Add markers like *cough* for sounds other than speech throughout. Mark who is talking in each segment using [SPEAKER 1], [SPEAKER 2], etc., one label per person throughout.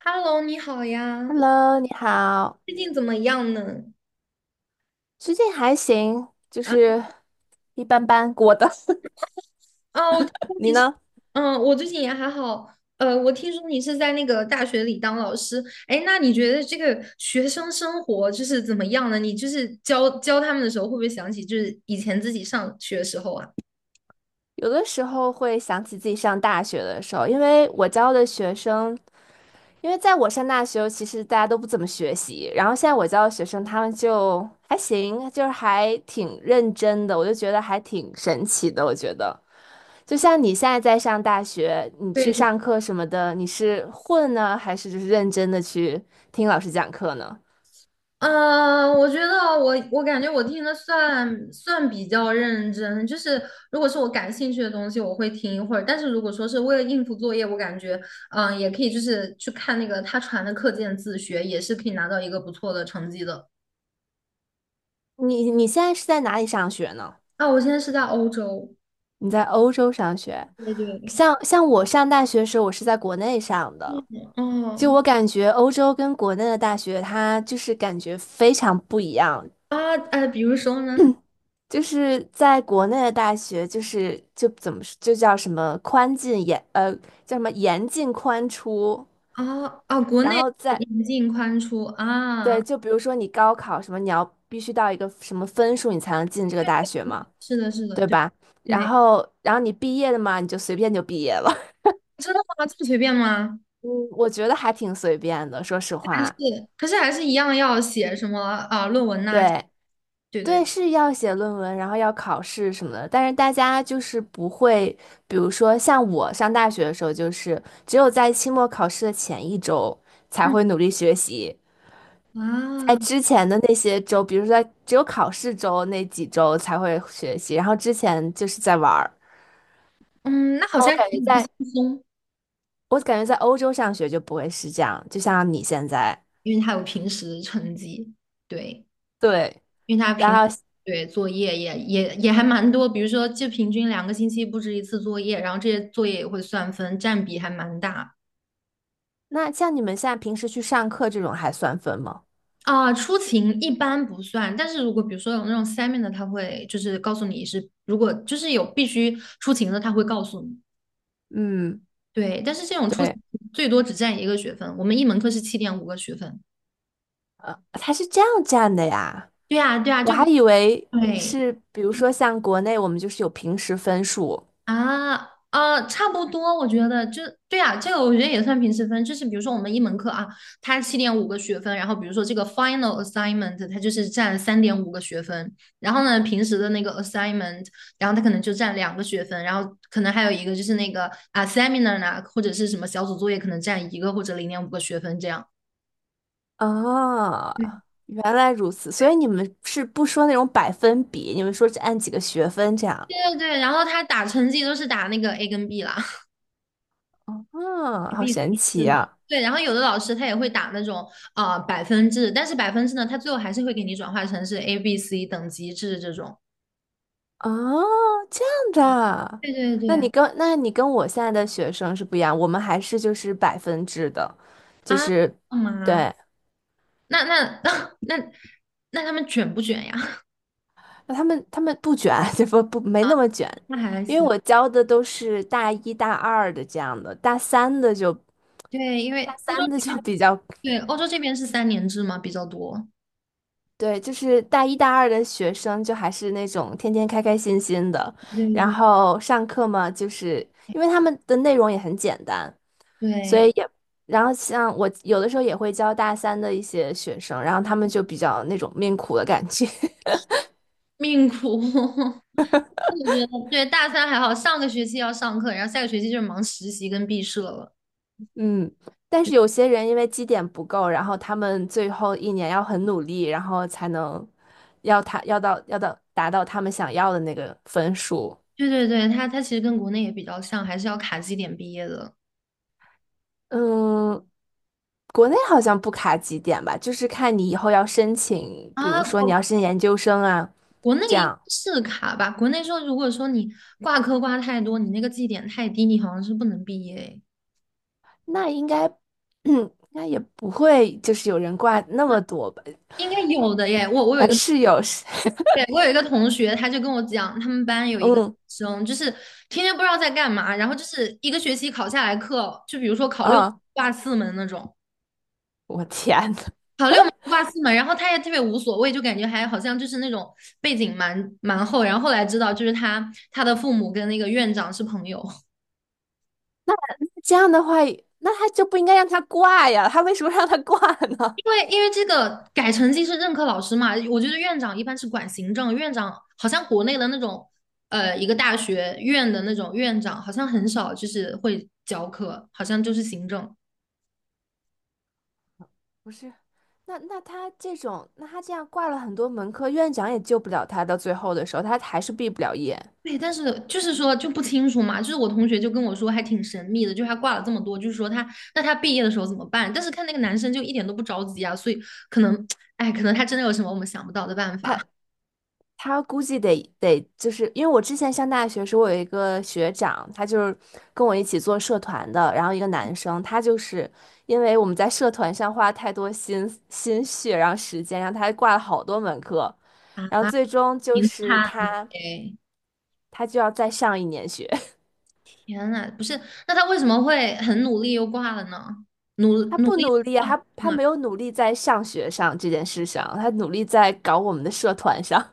[SPEAKER 1] Hello，你好呀，
[SPEAKER 2] Hello，你好，
[SPEAKER 1] 最近怎么样呢？
[SPEAKER 2] 最近还行，就
[SPEAKER 1] 啊，
[SPEAKER 2] 是一般般过的。
[SPEAKER 1] 哦，
[SPEAKER 2] *laughs* 你呢？
[SPEAKER 1] 嗯，我最近也还好。我听说你是在那个大学里当老师。哎，那你觉得这个学生生活就是怎么样呢？你就是教教他们的时候，会不会想起就是以前自己上学的时候啊？
[SPEAKER 2] 有的时候会想起自己上大学的时候，因为我教的学生，因为在我上大学，其实大家都不怎么学习，然后现在我教的学生，他们就还行，就是还挺认真的，我就觉得还挺神奇的。我觉得，就像你现在在上大学，你去
[SPEAKER 1] 对。
[SPEAKER 2] 上课什么的，你是混呢，还是就是认真的去听老师讲课呢？
[SPEAKER 1] 嗯，我觉得我感觉我听的算比较认真，就是如果是我感兴趣的东西，我会听一会儿。但是如果说是为了应付作业，我感觉也可以就是去看那个他传的课件自学，也是可以拿到一个不错的成绩的。
[SPEAKER 2] 你现在是在哪里上学呢？
[SPEAKER 1] 啊，我现在是在欧洲，
[SPEAKER 2] 你在欧洲上学，
[SPEAKER 1] 对对，
[SPEAKER 2] 像我上大学的时候，我是在国内上的。就
[SPEAKER 1] 哦，
[SPEAKER 2] 我感觉，欧洲跟国内的大学，它就是感觉非常不一样。
[SPEAKER 1] 啊，哎，比如说呢，
[SPEAKER 2] 就是在国内的大学，就是就怎么说就叫什么宽进严呃叫什么严进宽出，
[SPEAKER 1] 啊啊，国
[SPEAKER 2] 然
[SPEAKER 1] 内
[SPEAKER 2] 后在
[SPEAKER 1] 引进宽出啊，
[SPEAKER 2] 对，就比如说你高考什么，你要必须到一个什么分数，你才能进这个大学嘛，
[SPEAKER 1] 是的，是的，
[SPEAKER 2] 对
[SPEAKER 1] 对
[SPEAKER 2] 吧？然
[SPEAKER 1] 对，
[SPEAKER 2] 后然后你毕业了嘛，你就随便就毕业了。
[SPEAKER 1] 真的吗？这么随便吗？
[SPEAKER 2] 嗯，我觉得还挺随便的，说实
[SPEAKER 1] 还是
[SPEAKER 2] 话。
[SPEAKER 1] 可是还是一样要写什么啊、论文呐、
[SPEAKER 2] 对，
[SPEAKER 1] 对对，
[SPEAKER 2] 对，是要写论文，然后要考试什么的，但是大家就是不会，比如说像我上大学的时候，就是只有在期末考试的前一周才
[SPEAKER 1] 嗯
[SPEAKER 2] 会努力学习，在
[SPEAKER 1] 啊
[SPEAKER 2] 之前的那些周，比如说在只有考试周那几周才会学习，然后之前就是在玩儿。
[SPEAKER 1] 嗯，那好
[SPEAKER 2] 我
[SPEAKER 1] 像
[SPEAKER 2] 感觉在，
[SPEAKER 1] 轻松，
[SPEAKER 2] 我感觉在欧洲上学就不会是这样，就像你现在。
[SPEAKER 1] 因为他有平时成绩，对，
[SPEAKER 2] 对，
[SPEAKER 1] 因为他
[SPEAKER 2] 然
[SPEAKER 1] 平时
[SPEAKER 2] 后
[SPEAKER 1] 对作业也还蛮多，比如说就平均2个星期布置一次作业，然后这些作业也会算分，占比还蛮大。
[SPEAKER 2] 那像你们现在平时去上课这种还算分吗？
[SPEAKER 1] 啊、出勤一般不算，但是如果比如说有那种 semi 的，他会就是告诉你是，如果就是有必须出勤的，他会告诉你。
[SPEAKER 2] 嗯，
[SPEAKER 1] 对，但是这种出
[SPEAKER 2] 对，
[SPEAKER 1] 最多只占一个学分，我们一门课是七点五个学分。
[SPEAKER 2] 他是这样占的呀，
[SPEAKER 1] 对呀，对呀，
[SPEAKER 2] 我
[SPEAKER 1] 就
[SPEAKER 2] 还
[SPEAKER 1] 比
[SPEAKER 2] 以为
[SPEAKER 1] 对
[SPEAKER 2] 是，比如
[SPEAKER 1] 对
[SPEAKER 2] 说像国内我们就是有平时分数。
[SPEAKER 1] 啊，差不多，我觉得就对呀，这个我觉得也算平时分，就是比如说我们一门课啊，它七点五个学分，然后比如说这个 final assignment 它就是占3.5个学分，然后呢平时的那个 assignment，然后它可能就占2个学分，然后可能还有一个就是那个啊 seminar 呢，或者是什么小组作业可能占一个或者0.5个学分这样。
[SPEAKER 2] 啊，原来如此，所以你们是不说那种百分比，你们说是按几个学分这样，
[SPEAKER 1] 对对对，然后他打成绩都是打那个 A 跟 B 啦
[SPEAKER 2] 嗯，
[SPEAKER 1] ，A
[SPEAKER 2] 好
[SPEAKER 1] ，B C
[SPEAKER 2] 神
[SPEAKER 1] *laughs* 是
[SPEAKER 2] 奇
[SPEAKER 1] 的。
[SPEAKER 2] 啊，
[SPEAKER 1] 对，然后有的老师他也会打那种啊百分制，但是百分制呢，他最后还是会给你转化成是 A、B、C 等级制这种。
[SPEAKER 2] 哦，这样的啊，
[SPEAKER 1] 对对对，
[SPEAKER 2] 那你跟我现在的学生是不一样，我们还是就是百分制的，就
[SPEAKER 1] 啊，
[SPEAKER 2] 是。
[SPEAKER 1] 干嘛？
[SPEAKER 2] 对，
[SPEAKER 1] 那那 *laughs* 那那那他们卷不卷呀？
[SPEAKER 2] 那他们不卷，*laughs* 就不没那么卷，
[SPEAKER 1] *laughs* 那还
[SPEAKER 2] 因为
[SPEAKER 1] 行。
[SPEAKER 2] 我教的都是大一大二的这样的，
[SPEAKER 1] 对，因为
[SPEAKER 2] 大
[SPEAKER 1] 欧洲
[SPEAKER 2] 三
[SPEAKER 1] 这
[SPEAKER 2] 的就 *laughs* 比较
[SPEAKER 1] 边，对，欧洲这边是3年制嘛，比较多。
[SPEAKER 2] 对，就是大一大二的学生就还是那种天天开开心心的，
[SPEAKER 1] 对
[SPEAKER 2] 然
[SPEAKER 1] 对
[SPEAKER 2] 后上课嘛，就是因为他们的内容也很简单，所
[SPEAKER 1] 对，
[SPEAKER 2] 以也然后像我有的时候也会教大三的一些学生，然后他们就比较那种命苦的感觉。*laughs*
[SPEAKER 1] 命苦。*laughs* 我觉得对大三还好，上个学期要上课，然后下个学期就是忙实习跟毕设了。
[SPEAKER 2] 嗯，但是有些人因为绩点不够，然后他们最后一年要很努力，然后才能要他要达到他们想要的那个分数。
[SPEAKER 1] 对对对，它其实跟国内也比较像，还是要卡绩点毕业的
[SPEAKER 2] 嗯，国内好像不卡绩点吧，就是看你以后要申请，比
[SPEAKER 1] 啊。
[SPEAKER 2] 如说你
[SPEAKER 1] 国
[SPEAKER 2] 要申请研究生啊，
[SPEAKER 1] 国内
[SPEAKER 2] 这
[SPEAKER 1] 应该
[SPEAKER 2] 样，
[SPEAKER 1] 是卡吧？国内说，如果说你挂科挂太多，你那个绩点太低，你好像是不能毕业诶。
[SPEAKER 2] 那应该，*clears throat* 应该也不会就是有人挂那么多吧？
[SPEAKER 1] 应该有的耶。我有
[SPEAKER 2] 哎，
[SPEAKER 1] 一个，
[SPEAKER 2] 是有，是
[SPEAKER 1] 对，我有一个同学，他就跟我讲，他们班
[SPEAKER 2] *laughs*
[SPEAKER 1] 有一个女
[SPEAKER 2] 嗯，
[SPEAKER 1] 生，就是天天不知道在干嘛，然后就是一个学期考下来课，就比如说考六门
[SPEAKER 2] 啊，
[SPEAKER 1] 挂四门那种，
[SPEAKER 2] 我天呐，
[SPEAKER 1] 好六门是挂四门，然后他也特别无所谓，就感觉还好像就是那种背景蛮厚。然后后来知道，就是他的父母跟那个院长是朋友。
[SPEAKER 2] 这样的话，那他就不应该让他挂呀，他为什么让他挂
[SPEAKER 1] *laughs*
[SPEAKER 2] 呢？
[SPEAKER 1] 因为这个改成绩是任课老师嘛，我觉得院长一般是管行政，院长好像国内的那种一个大学院的那种院长好像很少就是会教课，好像就是行政。
[SPEAKER 2] *laughs* 不是，那他这种，那他这样挂了很多门课，院长也救不了他。到最后的时候，他还是毕不了业。
[SPEAKER 1] 对，但是就是说就不清楚嘛，就是我同学就跟我说还挺神秘的，就是他挂了这么多，就是说那他毕业的时候怎么办？但是看那个男生就一点都不着急啊，所以可能，哎，可能他真的有什么我们想不到的办
[SPEAKER 2] 他
[SPEAKER 1] 法，
[SPEAKER 2] 他估计得，就是因为我之前上大学时候，我有一个学长，他就是跟我一起做社团的，然后一个男生，他就是因为我们在社团上花太多心血，然后时间，然后他还挂了好多门课，然后最终就
[SPEAKER 1] 挺
[SPEAKER 2] 是
[SPEAKER 1] 惨的
[SPEAKER 2] 他。
[SPEAKER 1] 哎，
[SPEAKER 2] 他就要再上一年学。*laughs*
[SPEAKER 1] 天呐，不是，那他为什么会很努力又挂了呢？努
[SPEAKER 2] 他
[SPEAKER 1] 努
[SPEAKER 2] 不
[SPEAKER 1] 力
[SPEAKER 2] 努力啊，
[SPEAKER 1] 放
[SPEAKER 2] 他
[SPEAKER 1] 松
[SPEAKER 2] 他
[SPEAKER 1] 啊，
[SPEAKER 2] 没有努力在上学上这件事上，他努力在搞我们的社团上。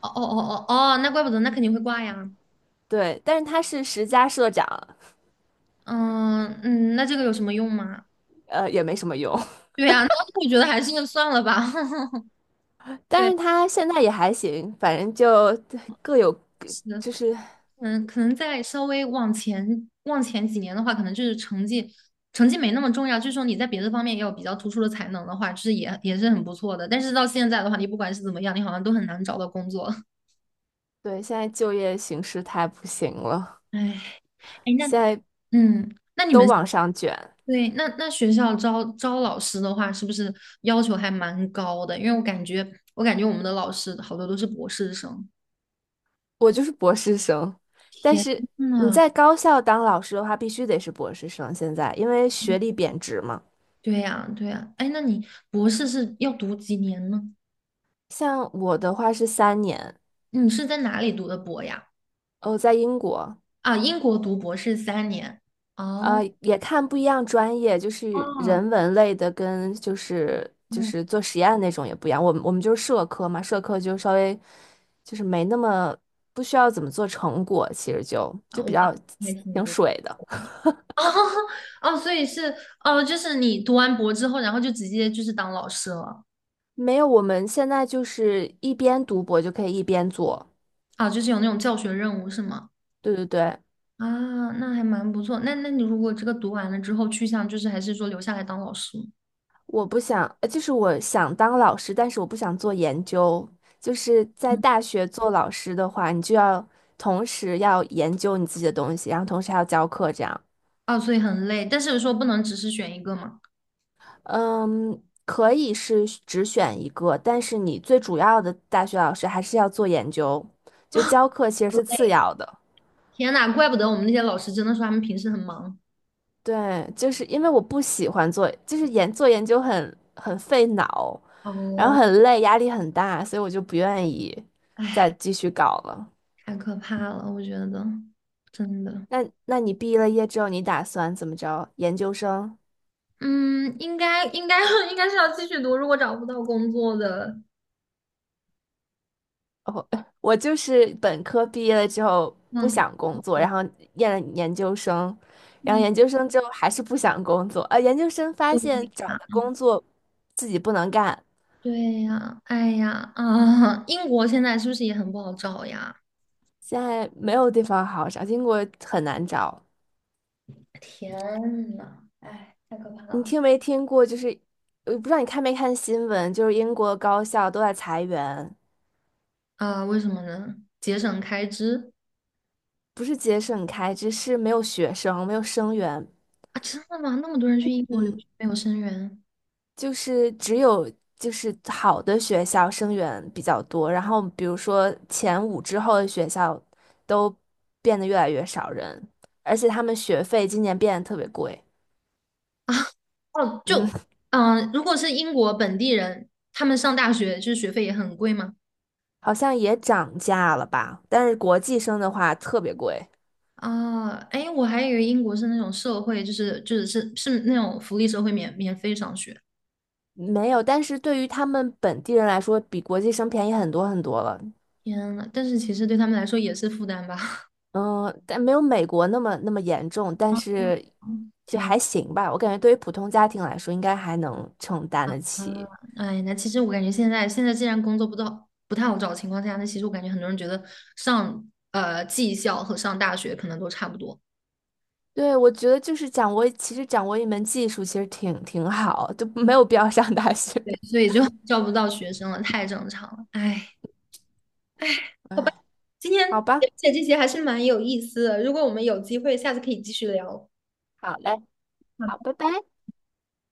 [SPEAKER 1] 哦哦哦哦哦，那怪不得，那肯定会挂呀，
[SPEAKER 2] *laughs* 对，但是他是十佳社长，
[SPEAKER 1] 嗯嗯，那这个有什么用吗？
[SPEAKER 2] 呃，也没什么用。
[SPEAKER 1] 对呀，那我觉得还是算了吧。*laughs*
[SPEAKER 2] *laughs* 但
[SPEAKER 1] 对，
[SPEAKER 2] 是他现在也还行，反正就各有
[SPEAKER 1] 是。
[SPEAKER 2] 就是
[SPEAKER 1] 嗯，可能再稍微往前几年的话，可能就是成绩没那么重要，就是说你在别的方面也有比较突出的才能的话，就是也是很不错的。但是到现在的话，你不管是怎么样，你好像都很难找到工作。*laughs*
[SPEAKER 2] 对，现在就业形势太不行了，
[SPEAKER 1] 哎哎，
[SPEAKER 2] 现在
[SPEAKER 1] 嗯，那你
[SPEAKER 2] 都
[SPEAKER 1] 们
[SPEAKER 2] 往上卷。
[SPEAKER 1] 对那学校招老师的话，是不是要求还蛮高的？因为我感觉我们的老师好多都是博士生。
[SPEAKER 2] 我就是博士生，但是
[SPEAKER 1] 嗯
[SPEAKER 2] 你
[SPEAKER 1] 啊，
[SPEAKER 2] 在高校当老师的话，必须得是博士生。现在因为学历贬值嘛，
[SPEAKER 1] 对呀，对呀。哎，那你博士是要读几年呢？
[SPEAKER 2] 像我的话是3年，
[SPEAKER 1] 你是在哪里读的博呀？
[SPEAKER 2] 哦，在英国，
[SPEAKER 1] 啊，英国读博士三年。哦，
[SPEAKER 2] 呃，也看不一样专业，就是
[SPEAKER 1] 哦，
[SPEAKER 2] 人文类的跟就是就
[SPEAKER 1] 哦，
[SPEAKER 2] 是做实验那种也不一样。我们就是社科嘛，社科就稍微就是没那么不需要怎么做成果，其实就
[SPEAKER 1] 啊，
[SPEAKER 2] 就比
[SPEAKER 1] 哇，
[SPEAKER 2] 较
[SPEAKER 1] 还挺
[SPEAKER 2] 挺
[SPEAKER 1] 多。
[SPEAKER 2] 水的。*laughs*
[SPEAKER 1] *laughs* 哦，哦，所以是哦，就是你读完博之后，然后就直接就是当老师了
[SPEAKER 2] 没有，我们现在就是一边读博就可以一边做。
[SPEAKER 1] 啊，就是有那种教学任务是吗？
[SPEAKER 2] 对对对，
[SPEAKER 1] 啊，那还蛮不错。那你如果这个读完了之后去向就是还是说留下来当老师吗？
[SPEAKER 2] 我不想，就是我想当老师，但是我不想做研究。就是在
[SPEAKER 1] 嗯，
[SPEAKER 2] 大学做老师的话，你就要同时要研究你自己的东西，然后同时还要教课，这样。
[SPEAKER 1] 啊，所以很累，但是说不能只是选一个嘛。
[SPEAKER 2] 嗯，可以是只选一个，但是你最主要的大学老师还是要做研究，就教课其实是次要的。
[SPEAKER 1] 天呐，怪不得我们那些老师真的说他们平时很忙。
[SPEAKER 2] 对，就是因为我不喜欢做，就是做研究很费脑，然后
[SPEAKER 1] 哦，
[SPEAKER 2] 很累，压力很大，所以我就不愿意再
[SPEAKER 1] 哎，
[SPEAKER 2] 继续搞了。
[SPEAKER 1] 太可怕了，我觉得真的。
[SPEAKER 2] 那你毕了业之后，你打算怎么着？研究生？
[SPEAKER 1] 嗯，应该应该 *laughs* 应该是要继续读，如果找不到工作的，
[SPEAKER 2] 哦，*laughs* 我就是本科毕业了之后不
[SPEAKER 1] 嗯，
[SPEAKER 2] 想工作，然后念了研究生，然后
[SPEAKER 1] 嗯，
[SPEAKER 2] 研究生之后还是不想工作，呃，研究生发
[SPEAKER 1] 对
[SPEAKER 2] 现找
[SPEAKER 1] 呀，
[SPEAKER 2] 的工作自己不能干，
[SPEAKER 1] 对呀，哎呀，啊，英国现在是不是也很不好找呀？
[SPEAKER 2] 现在没有地方好找，英国很难找。
[SPEAKER 1] 天呐，哎，太可怕
[SPEAKER 2] 你
[SPEAKER 1] 了！
[SPEAKER 2] 听没听过？就是我不知道你看没看新闻，就是英国高校都在裁员，
[SPEAKER 1] 啊，为什么呢？节省开支
[SPEAKER 2] 不是节省开支，是没有学生，没有生源。
[SPEAKER 1] 啊？真的吗？那么多人去英国留
[SPEAKER 2] 嗯。
[SPEAKER 1] 学没有生源？
[SPEAKER 2] 就是只有就是好的学校生源比较多，然后比如说前5之后的学校都变得越来越少人，而且他们学费今年变得特别贵，
[SPEAKER 1] 哦，
[SPEAKER 2] 嗯，
[SPEAKER 1] 如果是英国本地人，他们上大学就是学费也很贵吗？
[SPEAKER 2] *laughs* 好像也涨价了吧？但是国际生的话特别贵，
[SPEAKER 1] 啊，哎，我还以为英国是那种社会，就是是那种福利社会免费上学。
[SPEAKER 2] 没有，但是对于他们本地人来说，比国际生便宜很多很多了。
[SPEAKER 1] 天呐，但是其实对他们来说也是负担吧。
[SPEAKER 2] 嗯，但没有美国那么严重，但是
[SPEAKER 1] *laughs*
[SPEAKER 2] 就
[SPEAKER 1] 天
[SPEAKER 2] 还行吧。我感觉对于普通家庭来说，应该还能承担得
[SPEAKER 1] 呐，
[SPEAKER 2] 起。
[SPEAKER 1] 哎，那其实我感觉现在既然工作不到不太好找的情况下，那其实我感觉很多人觉得上技校和上大学可能都差不多，
[SPEAKER 2] 对，我觉得就是掌握，其实掌握一门技术其实挺好，就没有必要上大学。
[SPEAKER 1] 对，所以就 *laughs* 招不到学生了，太正常了。哎，哎今天
[SPEAKER 2] *laughs*
[SPEAKER 1] 了
[SPEAKER 2] 好吧，
[SPEAKER 1] 解这些还是蛮有意思的，如果我们有机会，下次可以继续聊。
[SPEAKER 2] 好嘞，好，拜拜。